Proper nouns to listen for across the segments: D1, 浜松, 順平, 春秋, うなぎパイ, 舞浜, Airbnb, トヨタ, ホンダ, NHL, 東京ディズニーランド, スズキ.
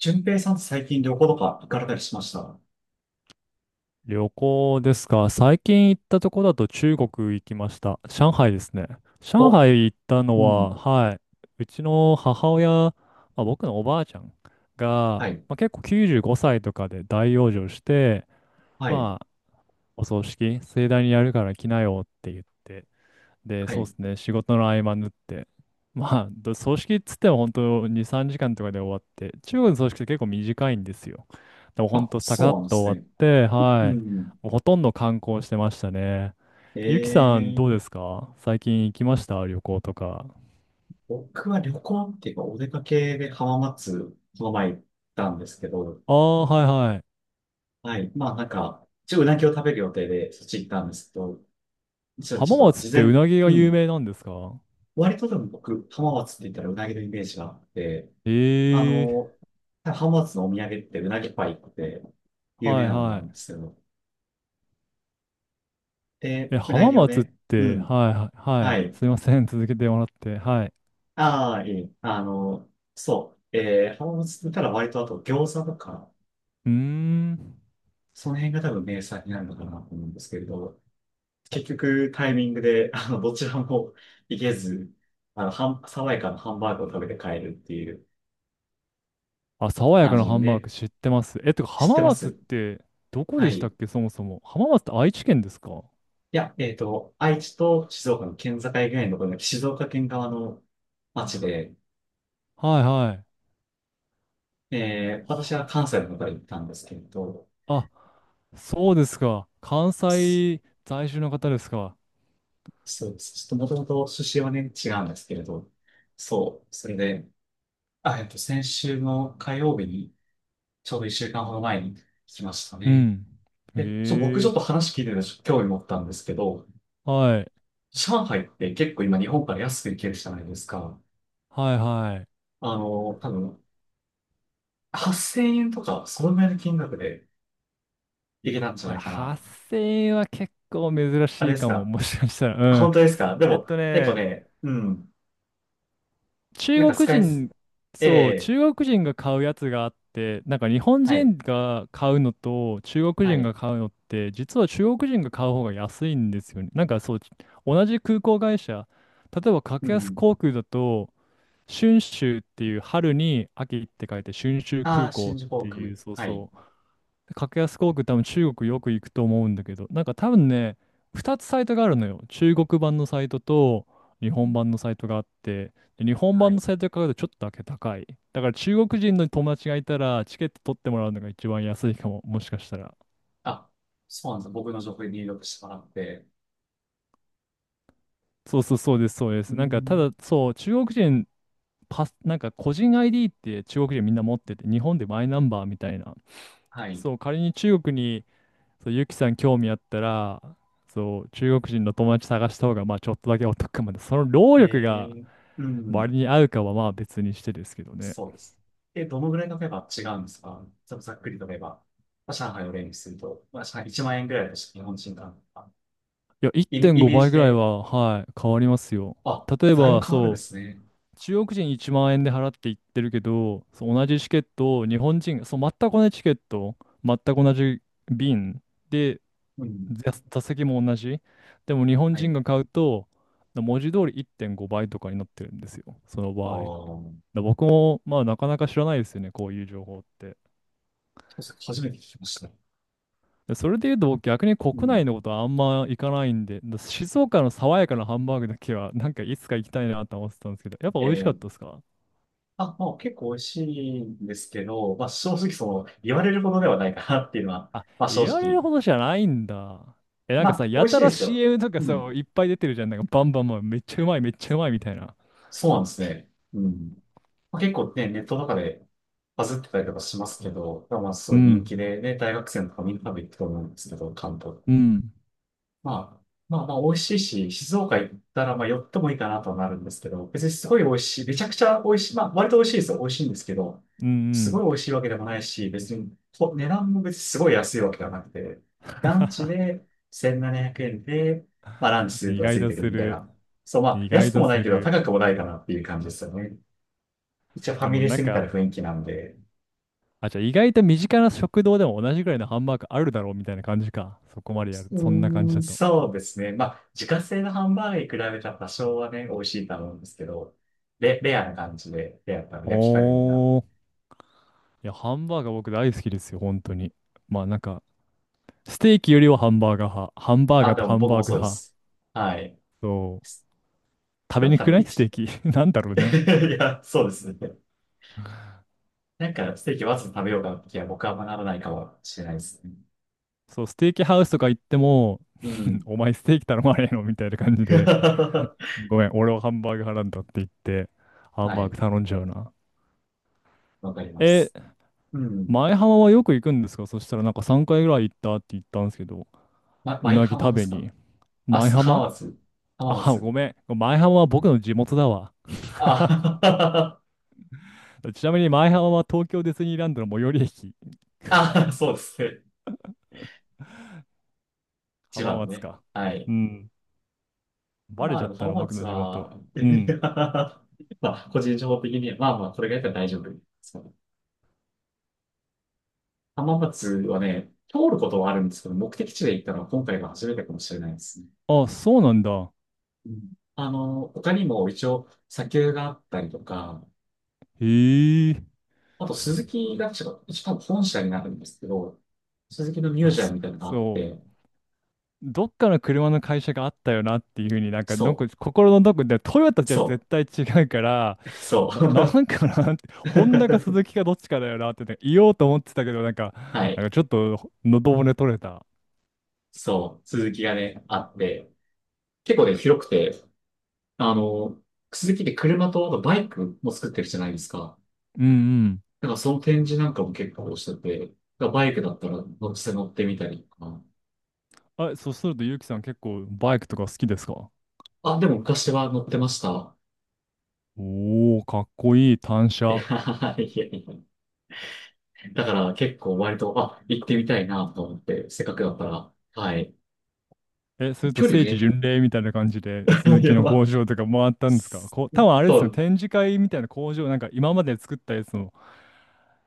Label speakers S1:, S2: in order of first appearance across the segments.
S1: 順平さんって最近旅行とか行かれたりしました？
S2: 旅行ですか。最近行ったとこだと中国行きました。上海ですね。上
S1: お、
S2: 海行ったの
S1: うん。
S2: は、はい、うちの母親、僕のおばあちゃんが、
S1: はい。
S2: 結構95歳とかで大養生して、
S1: はい。
S2: まあ、お葬式盛大にやるから来なよって言って、で、
S1: は
S2: そうで
S1: い。
S2: すね、仕事の合間縫って。ど葬式っつっても本当2、3時間とかで終わって、中国の葬式って結構短いんですよ。でも本
S1: あ、
S2: 当、サカ
S1: そ
S2: ッ
S1: うなんで
S2: と終
S1: す
S2: わっ
S1: ね。
S2: て、
S1: う
S2: はい。
S1: ん。
S2: もうほとんど観光してましたね。
S1: え
S2: ゆきさん、どうで
S1: ー、
S2: すか、最近行きました旅行とか。
S1: 僕は旅行っていうか、お出かけで浜松、この前行ったんですけど、
S2: ああ、はいはい。
S1: はい。まあなんか、一応うなぎを食べる予定で、そっち行ったんですけど、ちょ、ちょ
S2: 浜
S1: っと
S2: 松っ
S1: 事
S2: てう
S1: 前、
S2: なぎが
S1: う
S2: 有
S1: ん。
S2: 名なんですか？
S1: 割とでも僕、浜松って言ったらうなぎのイメージがあって、あ
S2: ええ、
S1: の、浜松のお土産ってうなぎパイって
S2: ー
S1: 有名
S2: はい
S1: なのがある
S2: は
S1: んですけど、え
S2: い。
S1: ー
S2: え、
S1: うな
S2: 浜
S1: ぎを
S2: 松っ
S1: ね。う
S2: て、
S1: ん。
S2: はいはい、は
S1: は
S2: い。
S1: い。
S2: すいません、続けてもらって。はい。
S1: ああ、いい。そう。浜松だったら割とあと餃子とか、
S2: うーん。
S1: その辺が多分名産になるのかなと思うんですけれど、結局タイミングで、どちらも行けず、爽やかなハンバーグを食べて帰るっていう
S2: あ、爽や
S1: 感
S2: かな
S1: じで
S2: ハンバー
S1: ね、
S2: グ知ってます。え、てか
S1: 知っ
S2: 浜
S1: てま
S2: 松っ
S1: す？
S2: てどこ
S1: は
S2: でし
S1: い。
S2: たっ
S1: い
S2: け、そもそも。浜松って愛知県ですか？は
S1: や、愛知と静岡の県境ぐらいのところの静岡県側の町で、
S2: いはい。
S1: えー、私は
S2: は
S1: 関西の方から行ったんですけれど、
S2: あ、そうですか。関西在住の方ですか。
S1: そうです。ちょっともともと出身はね、違うんですけれど、そう、それで、あ、先週の火曜日に、ちょうど一週間ほど前に来ましたね。
S2: う
S1: で、僕ちょ
S2: ん。
S1: っ
S2: え
S1: と
S2: え、
S1: 話聞いてて、ちょっと興味持ったんですけど、
S2: はい。
S1: 上海って結構今日本から安く行けるじゃないですか。
S2: はいはい。
S1: 多分、8000円とか、そのぐらいの金額で行けたんじゃ
S2: い
S1: な
S2: や、
S1: いかな。
S2: 発声は結構珍
S1: あ
S2: し
S1: れ
S2: い
S1: です
S2: かも。
S1: か？
S2: もしかしたら。うん。
S1: 本当ですか？で
S2: えっ
S1: も、
S2: と
S1: 結構
S2: ね、
S1: ね、うん、
S2: 中
S1: なんかス
S2: 国
S1: カイス、
S2: 人、
S1: え
S2: そう、
S1: え
S2: 中国人が買うやつがあって、日本
S1: はい、
S2: 人が買うのと中国
S1: は
S2: 人
S1: い、
S2: が買うのって、実は中国人が買う方が安いんですよね。同じ空港会社、例えば
S1: う
S2: 格安
S1: ん。
S2: 航空だと、春秋っていう春に秋って書いて春秋
S1: あ
S2: 空
S1: あ、
S2: 港
S1: 新
S2: っ
S1: 宿フォ
S2: て
S1: ー
S2: いう、
S1: ク。
S2: そう
S1: はい。
S2: そう。格安航空多分中国よく行くと思うんだけど、なんか多分ね、2つサイトがあるのよ。中国版のサイトと日本版のサイトがあって、で日本
S1: は
S2: 版の
S1: い。
S2: サイトで買うとちょっとだけ高い。だから中国人の友達がいたらチケット取ってもらうのが一番安いかも、もしかしたら。
S1: あ、そうなんです？僕の情報で入力してもらって。
S2: そうそうそうです、そうで
S1: う
S2: す。なんかた
S1: ん。
S2: だそう、中国人パス、個人 ID って中国人みんな持ってて、日本でマイナンバーみたいな。
S1: はい。
S2: そう、仮に中国に、そう、ゆきさん興味あったら、そう、中国人の友達探した方が、まあ、ちょっとだけお得かもね。その労力が
S1: えー、うん、
S2: 割に合うかは、まあ、別にしてですけどね。
S1: そうです。え、どのぐらいのメば違うんですか？ざざっくりと言えば、まあ、上海を例にすると、まあ、上海1万円ぐらいとして日本人が、
S2: いや、
S1: イメ、
S2: 1.5
S1: イメー
S2: 倍
S1: ジ
S2: ぐらい
S1: で、
S2: は、はい、変わりますよ。
S1: あ、
S2: 例え
S1: だい
S2: ば、
S1: ぶ変わるんで
S2: そう、
S1: すね。
S2: 中国人1万円で払って行ってるけど、そう、同じチケットを日本人、そう、全く同じチケット、全く同じ便で、
S1: うん。
S2: 座席も同じ。でも、日本
S1: は
S2: 人
S1: い。
S2: が買うと、文字通り1.5倍とかになってるんですよ。その
S1: ああ、
S2: 場合。
S1: そ
S2: だ僕も、まあ、なかなか知らないですよね、こういう情報って。
S1: うですね、初めて聞きました。
S2: でそれで言うと、僕逆に国
S1: う
S2: 内
S1: ん。
S2: のことはあんま行かないんで、だ静岡の爽やかなハンバーグだけは、いつか行きたいなと思ってたんですけど、やっぱ
S1: え
S2: 美味しかっ
S1: ー、
S2: たですか？
S1: あ、まあ、結構美味しいんですけど、まあ、正直その、言われるほどではないかなっていうのは、
S2: あ、
S1: まあ、正
S2: 言われる
S1: 直
S2: ほどじゃないんだ。え、なん
S1: ま
S2: かさ、
S1: あ、美
S2: や
S1: 味し
S2: た
S1: いで
S2: ら
S1: すよ。
S2: CM とか
S1: う
S2: さ、
S1: ん。
S2: いっぱい出てるじゃん。なんかバンバンバン、めっちゃうまい、めっちゃうまいみたいな。
S1: そうなんですね。うん。まあ、結構ね、ネットとかでバズってたりとかしますけど、まあ、す
S2: う
S1: ごい人
S2: ん、
S1: 気でね、大学生とかみんな食べ行くと思うんですけど、関東。
S2: うん、
S1: まあ、まあまあ美味しいし、静岡行ったらまあ寄ってもいいかなとはなるんですけど、別にすごい美味しい、めちゃくちゃ美味しい、まあ割と美味しいですよ、美味しいんですけど、
S2: う
S1: すご
S2: ん、
S1: い美味しいわけでもないし、別にと値段も別にすごい安いわけではなくて、ランチで1700円で、まあランチス
S2: うん。
S1: ー
S2: 意
S1: プが
S2: 外
S1: つい
S2: と
S1: てくる
S2: す
S1: みたい
S2: る。
S1: な。そう、まあ
S2: 意外
S1: 安く
S2: と
S1: もない
S2: す
S1: けど
S2: る。
S1: 高くもないかなっていう感じですよね。一応ファ
S2: で
S1: ミ
S2: も
S1: レ
S2: な
S1: ス
S2: ん
S1: みたい
S2: か、
S1: な雰囲気なんで、
S2: あ、じゃあ意外と身近な食堂でも同じぐらいのハンバーグあるだろうみたいな感じか。そこまでやる。
S1: う
S2: そんな感じ
S1: ーん、
S2: だと。
S1: そうですね。まあ、自家製のハンバーガーに比べたら多少はね、美味しいと思うんですけど、レアな感じで、レアな焼き加減が。
S2: おー。いや、ハンバーガー僕大好きですよ、本当に。まあなんか、ステーキよりはハンバーガー派。ハンバーガ
S1: あ、
S2: ーっ
S1: で
S2: て
S1: も
S2: ハン
S1: 僕
S2: バー
S1: も
S2: グ
S1: そうで
S2: 派。
S1: す。はい。
S2: そう。食
S1: だ
S2: べ
S1: っ
S2: にく
S1: た
S2: く
S1: ら
S2: ないス
S1: 一、
S2: テーキ。なんだろ うね。
S1: いや、そうですね。なんか、ステーキわざと食べようかなって気は僕は学ばないかもしれないですね。
S2: そう、ステーキハウスとか行っても、
S1: う
S2: ん
S1: ん。
S2: お前ステーキ頼まねえのみたいな感じ で、
S1: は
S2: ごめん、俺はハンバーグ派なんだって言って、ハンバーグ
S1: い。
S2: 頼んじゃうな。
S1: わかりま
S2: え、
S1: す。うん。
S2: 前浜はよく行くんですか？そしたらなんか3回ぐらい行ったって言ったんですけど。
S1: ま、
S2: う
S1: 舞
S2: なぎ
S1: 浜
S2: 食
S1: で
S2: べ
S1: すか？
S2: に。
S1: あ、
S2: 舞
S1: す浜
S2: 浜、
S1: 松。浜
S2: あ、
S1: 松。
S2: ごめん。舞浜は僕の地元だわ。
S1: あ、
S2: ちなみに舞浜は東京ディズニーランドの最寄り駅。
S1: あ、そうですね。千
S2: 浜
S1: 葉の
S2: 松
S1: ね。
S2: か。
S1: は
S2: う
S1: い。
S2: ん。バレ
S1: まあ
S2: ちゃ
S1: で
S2: っ
S1: も
S2: た
S1: 浜
S2: な、僕
S1: 松
S2: の地元。
S1: は、
S2: う
S1: い
S2: ん。
S1: や、まあ個人情報的に、まあまあこれがやったら大丈夫ですから、浜松はね、通ることはあるんですけど、目的地で行ったのは今回が初めてかもしれないですね。
S2: あ、そうなんだ。
S1: うん。他にも一応砂丘があったりとか、
S2: へえ。
S1: あと鈴木が確か、一応多分本社になるんですけど、鈴木のミュー
S2: あ、
S1: ジアム
S2: そ、
S1: みたいなのがあっ
S2: そ
S1: て、
S2: う。どっかの車の会社があったよなっていうふうに、なんか、ど
S1: そ
S2: こ、心のどこで、トヨタ
S1: う、
S2: じゃ
S1: そ
S2: 絶対違うから、
S1: う、そ
S2: な
S1: う。
S2: んかなって、ホンダかスズ キかどっちかだよなってね言おうと思ってたけど、
S1: は
S2: なん
S1: い、
S2: かちょっと喉骨取れた。
S1: そう、鈴木がね、あって、結構ね、広くて、あの、スズキって車とあとバイクも作ってるじゃないですか。
S2: うん
S1: だからその展示なんかも結構してて、だからバイクだったら乗せて乗ってみたりとか。
S2: うん。え、そするとゆうきさん結構バイクとか好きですか？
S1: あ、でも昔は乗ってました。
S2: おー、かっこいい単
S1: いや、
S2: 車。
S1: いやいや。だから結構割と、あ、行ってみたいなと思って、せっかくだったら。はい。
S2: え、それと
S1: 距離
S2: 聖地
S1: ね。
S2: 巡礼みたいな感じで、鈴木
S1: や
S2: の
S1: ば
S2: 工
S1: と
S2: 場とか回ったんですか？こう、多分あれで
S1: そ
S2: すよね、
S1: う。
S2: 展示会みたいな工場、なんか今まで作ったやつの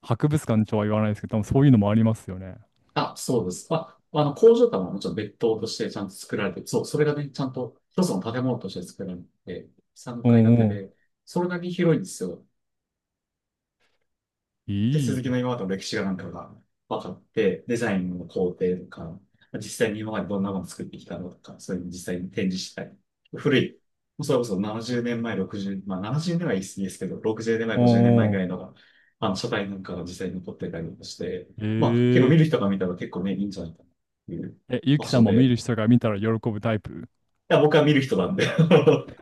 S2: 博物館とは言わないですけど、多分そういうのもありますよね。
S1: あ、そうです。まあ、工場とはもちろん別棟としてちゃんと作られて、そう、それがね、ちゃんと一つの建物として作られて、3
S2: う
S1: 階建
S2: んう
S1: て
S2: ん。
S1: で、それだけ広いんですよ。で、
S2: い
S1: 鈴木の
S2: い。
S1: 今までの歴史がなんかが分かって、デザインの工程とか、実際に今までどんなもの作ってきたのとか、そういうの実際に展示したり。古い、もうそれこそ70年前、60、まあ70年は言い過ぎですけど、60年前、
S2: う
S1: 50年前
S2: んう
S1: ぐら
S2: ん。
S1: いのが、書体なんかが実際に残ってたりとかして、
S2: え
S1: まあ結構見
S2: ー、
S1: る人が見たら結構ね、いいんじゃないかなっていう
S2: え、ゆう
S1: 場
S2: きさ
S1: 所
S2: んも見
S1: で、
S2: る人が見たら喜ぶタイプ？
S1: いや、僕は見る人なんで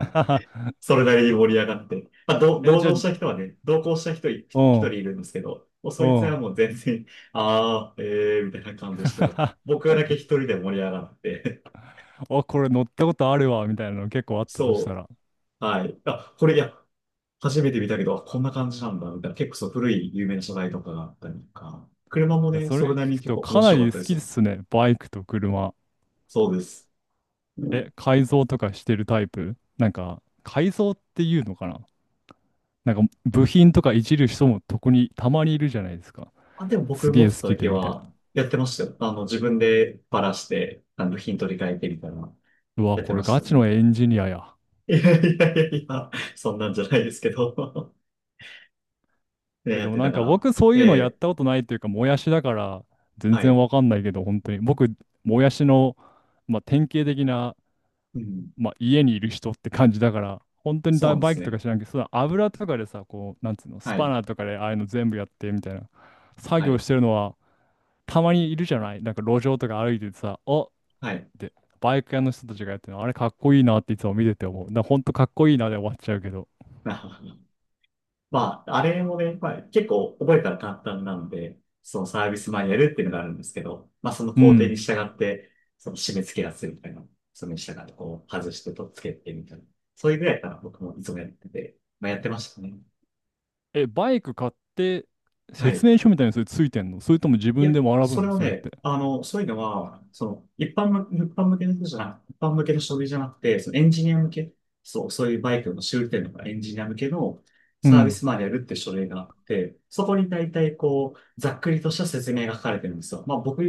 S1: そ れなりに盛り上がって。まあ、
S2: え、
S1: 同
S2: じゃあ、
S1: 乗した人はね、同行した人い、
S2: う
S1: 一人
S2: ん、
S1: いるんですけど、もうそ
S2: う
S1: いつは
S2: ん。
S1: もう全然、あー、えー、みたいな感じですけど、僕だけ一人で盛り上がって、
S2: あ、これ乗ったことあるわ、みたいなの結構あ ったとした
S1: そ
S2: ら。
S1: う、はい。あ、これ、いや、初めて見たけど、あこんな感じなんだ、みたいな。結構そう、古い有名な車体とかがあったりとか、車も
S2: いや、
S1: ね、
S2: それ
S1: それなり
S2: 聞
S1: に
S2: く
S1: 結
S2: と
S1: 構
S2: か
S1: 面
S2: な
S1: 白かっ
S2: り
S1: た
S2: 好
S1: です
S2: き
S1: よ。
S2: ですね、バイクと車。
S1: そうです。うん。
S2: え、改造とかしてるタイプ？なんか、改造っていうのかな、なんか、部品とかいじる人も特にたまにいるじゃないですか。
S1: あ、でも
S2: す
S1: 僕
S2: げ
S1: 持
S2: え
S1: って
S2: 好
S1: た
S2: きで、
S1: 時
S2: みたいな。
S1: は、やってましたよ。自分でバラして、部品取り替えてみたいな、
S2: うわ、
S1: やって
S2: これ
S1: まし
S2: ガ
S1: た
S2: チ
S1: ね。
S2: のエンジニアや。
S1: いやいやいやいや、そんなんじゃないですけど ね、
S2: え、
S1: や
S2: で
S1: っ
S2: も
S1: て
S2: な
S1: た
S2: ん
S1: か
S2: か
S1: ら。
S2: 僕そう
S1: え
S2: いうのやっ
S1: え、
S2: たことないっていうか、もやしだから全
S1: は
S2: 然
S1: い。
S2: わかんないけど、本当に。僕、もやしの、まあ、典型的な、
S1: うん。
S2: まあ、家にいる人って感じだから、本当に
S1: そう
S2: だ
S1: なんで
S2: バイ
S1: す
S2: クと
S1: ね。
S2: か知らんけど、その油とかでさ、こう、なんつうの、ス
S1: は
S2: パ
S1: い。
S2: ナーとかでああいうの全部やってみたいな、作
S1: は
S2: 業
S1: い。
S2: してるのは、たまにいるじゃない、なんか路上とか歩いててさ、おっ
S1: はい。
S2: て、バイク屋の人たちがやってるの、あれかっこいいなっていつも見てて思う。だ本当かっこいいなで終わっちゃうけど。
S1: まあ、あれもね、まあ、結構覚えたら簡単なんで、そのサービスマニュアルっていうのがあるんですけど、まあ、その
S2: う
S1: 工程に
S2: ん。
S1: 従って、その締め付けやすいみたいな、それに従ってこう、外してとっつけてみたいな。そういうぐらいから僕もいつもやってて、まあ、やってましたね。
S2: え、バイク買って、
S1: はい。
S2: 説明書みたいにそれついてんの？それとも自
S1: い
S2: 分
S1: や、
S2: で学
S1: そ
S2: ぶ
S1: れ
S2: の、
S1: は
S2: それっ
S1: ね、
S2: て。
S1: そういうのは、その、一般向けの人じゃなく、一般向けの書類じゃなくて、そのエンジニア向け、そう、そういうバイクの修理店とかエンジニア向けの
S2: う
S1: サービ
S2: ん。
S1: スマニュアルって書類があって、そこに大体こう、ざっくりとした説明が書かれてるんですよ。まあ僕、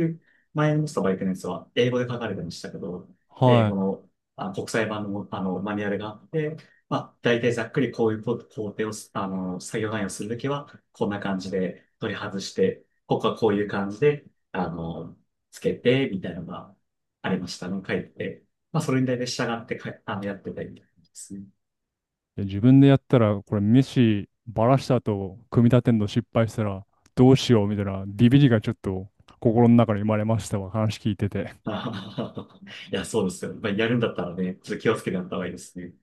S1: 前の乗ったバイクのやつは英語で書かれてましたけど、英
S2: は
S1: 語
S2: い。
S1: の、あ、国際版の、マニュアルがあって、まあ大体ざっくりこういう工程を作業内容をするときは、こんな感じで取り外して、ここはこういう感じで、あの、つけて、みたいなのがありましたの、書いて。まあ、それに対して従ってか、やってたりみたいな感じですね。
S2: で自分でやったら、これ飯バラした後、組み立てんの失敗したらどうしようみたいなビビりがちょっと心の中に生まれましたわ。話聞いてて。
S1: あははははいや、そうですよ。まあ、やるんだったらね、ちょっと気をつけてやった方がいいですね。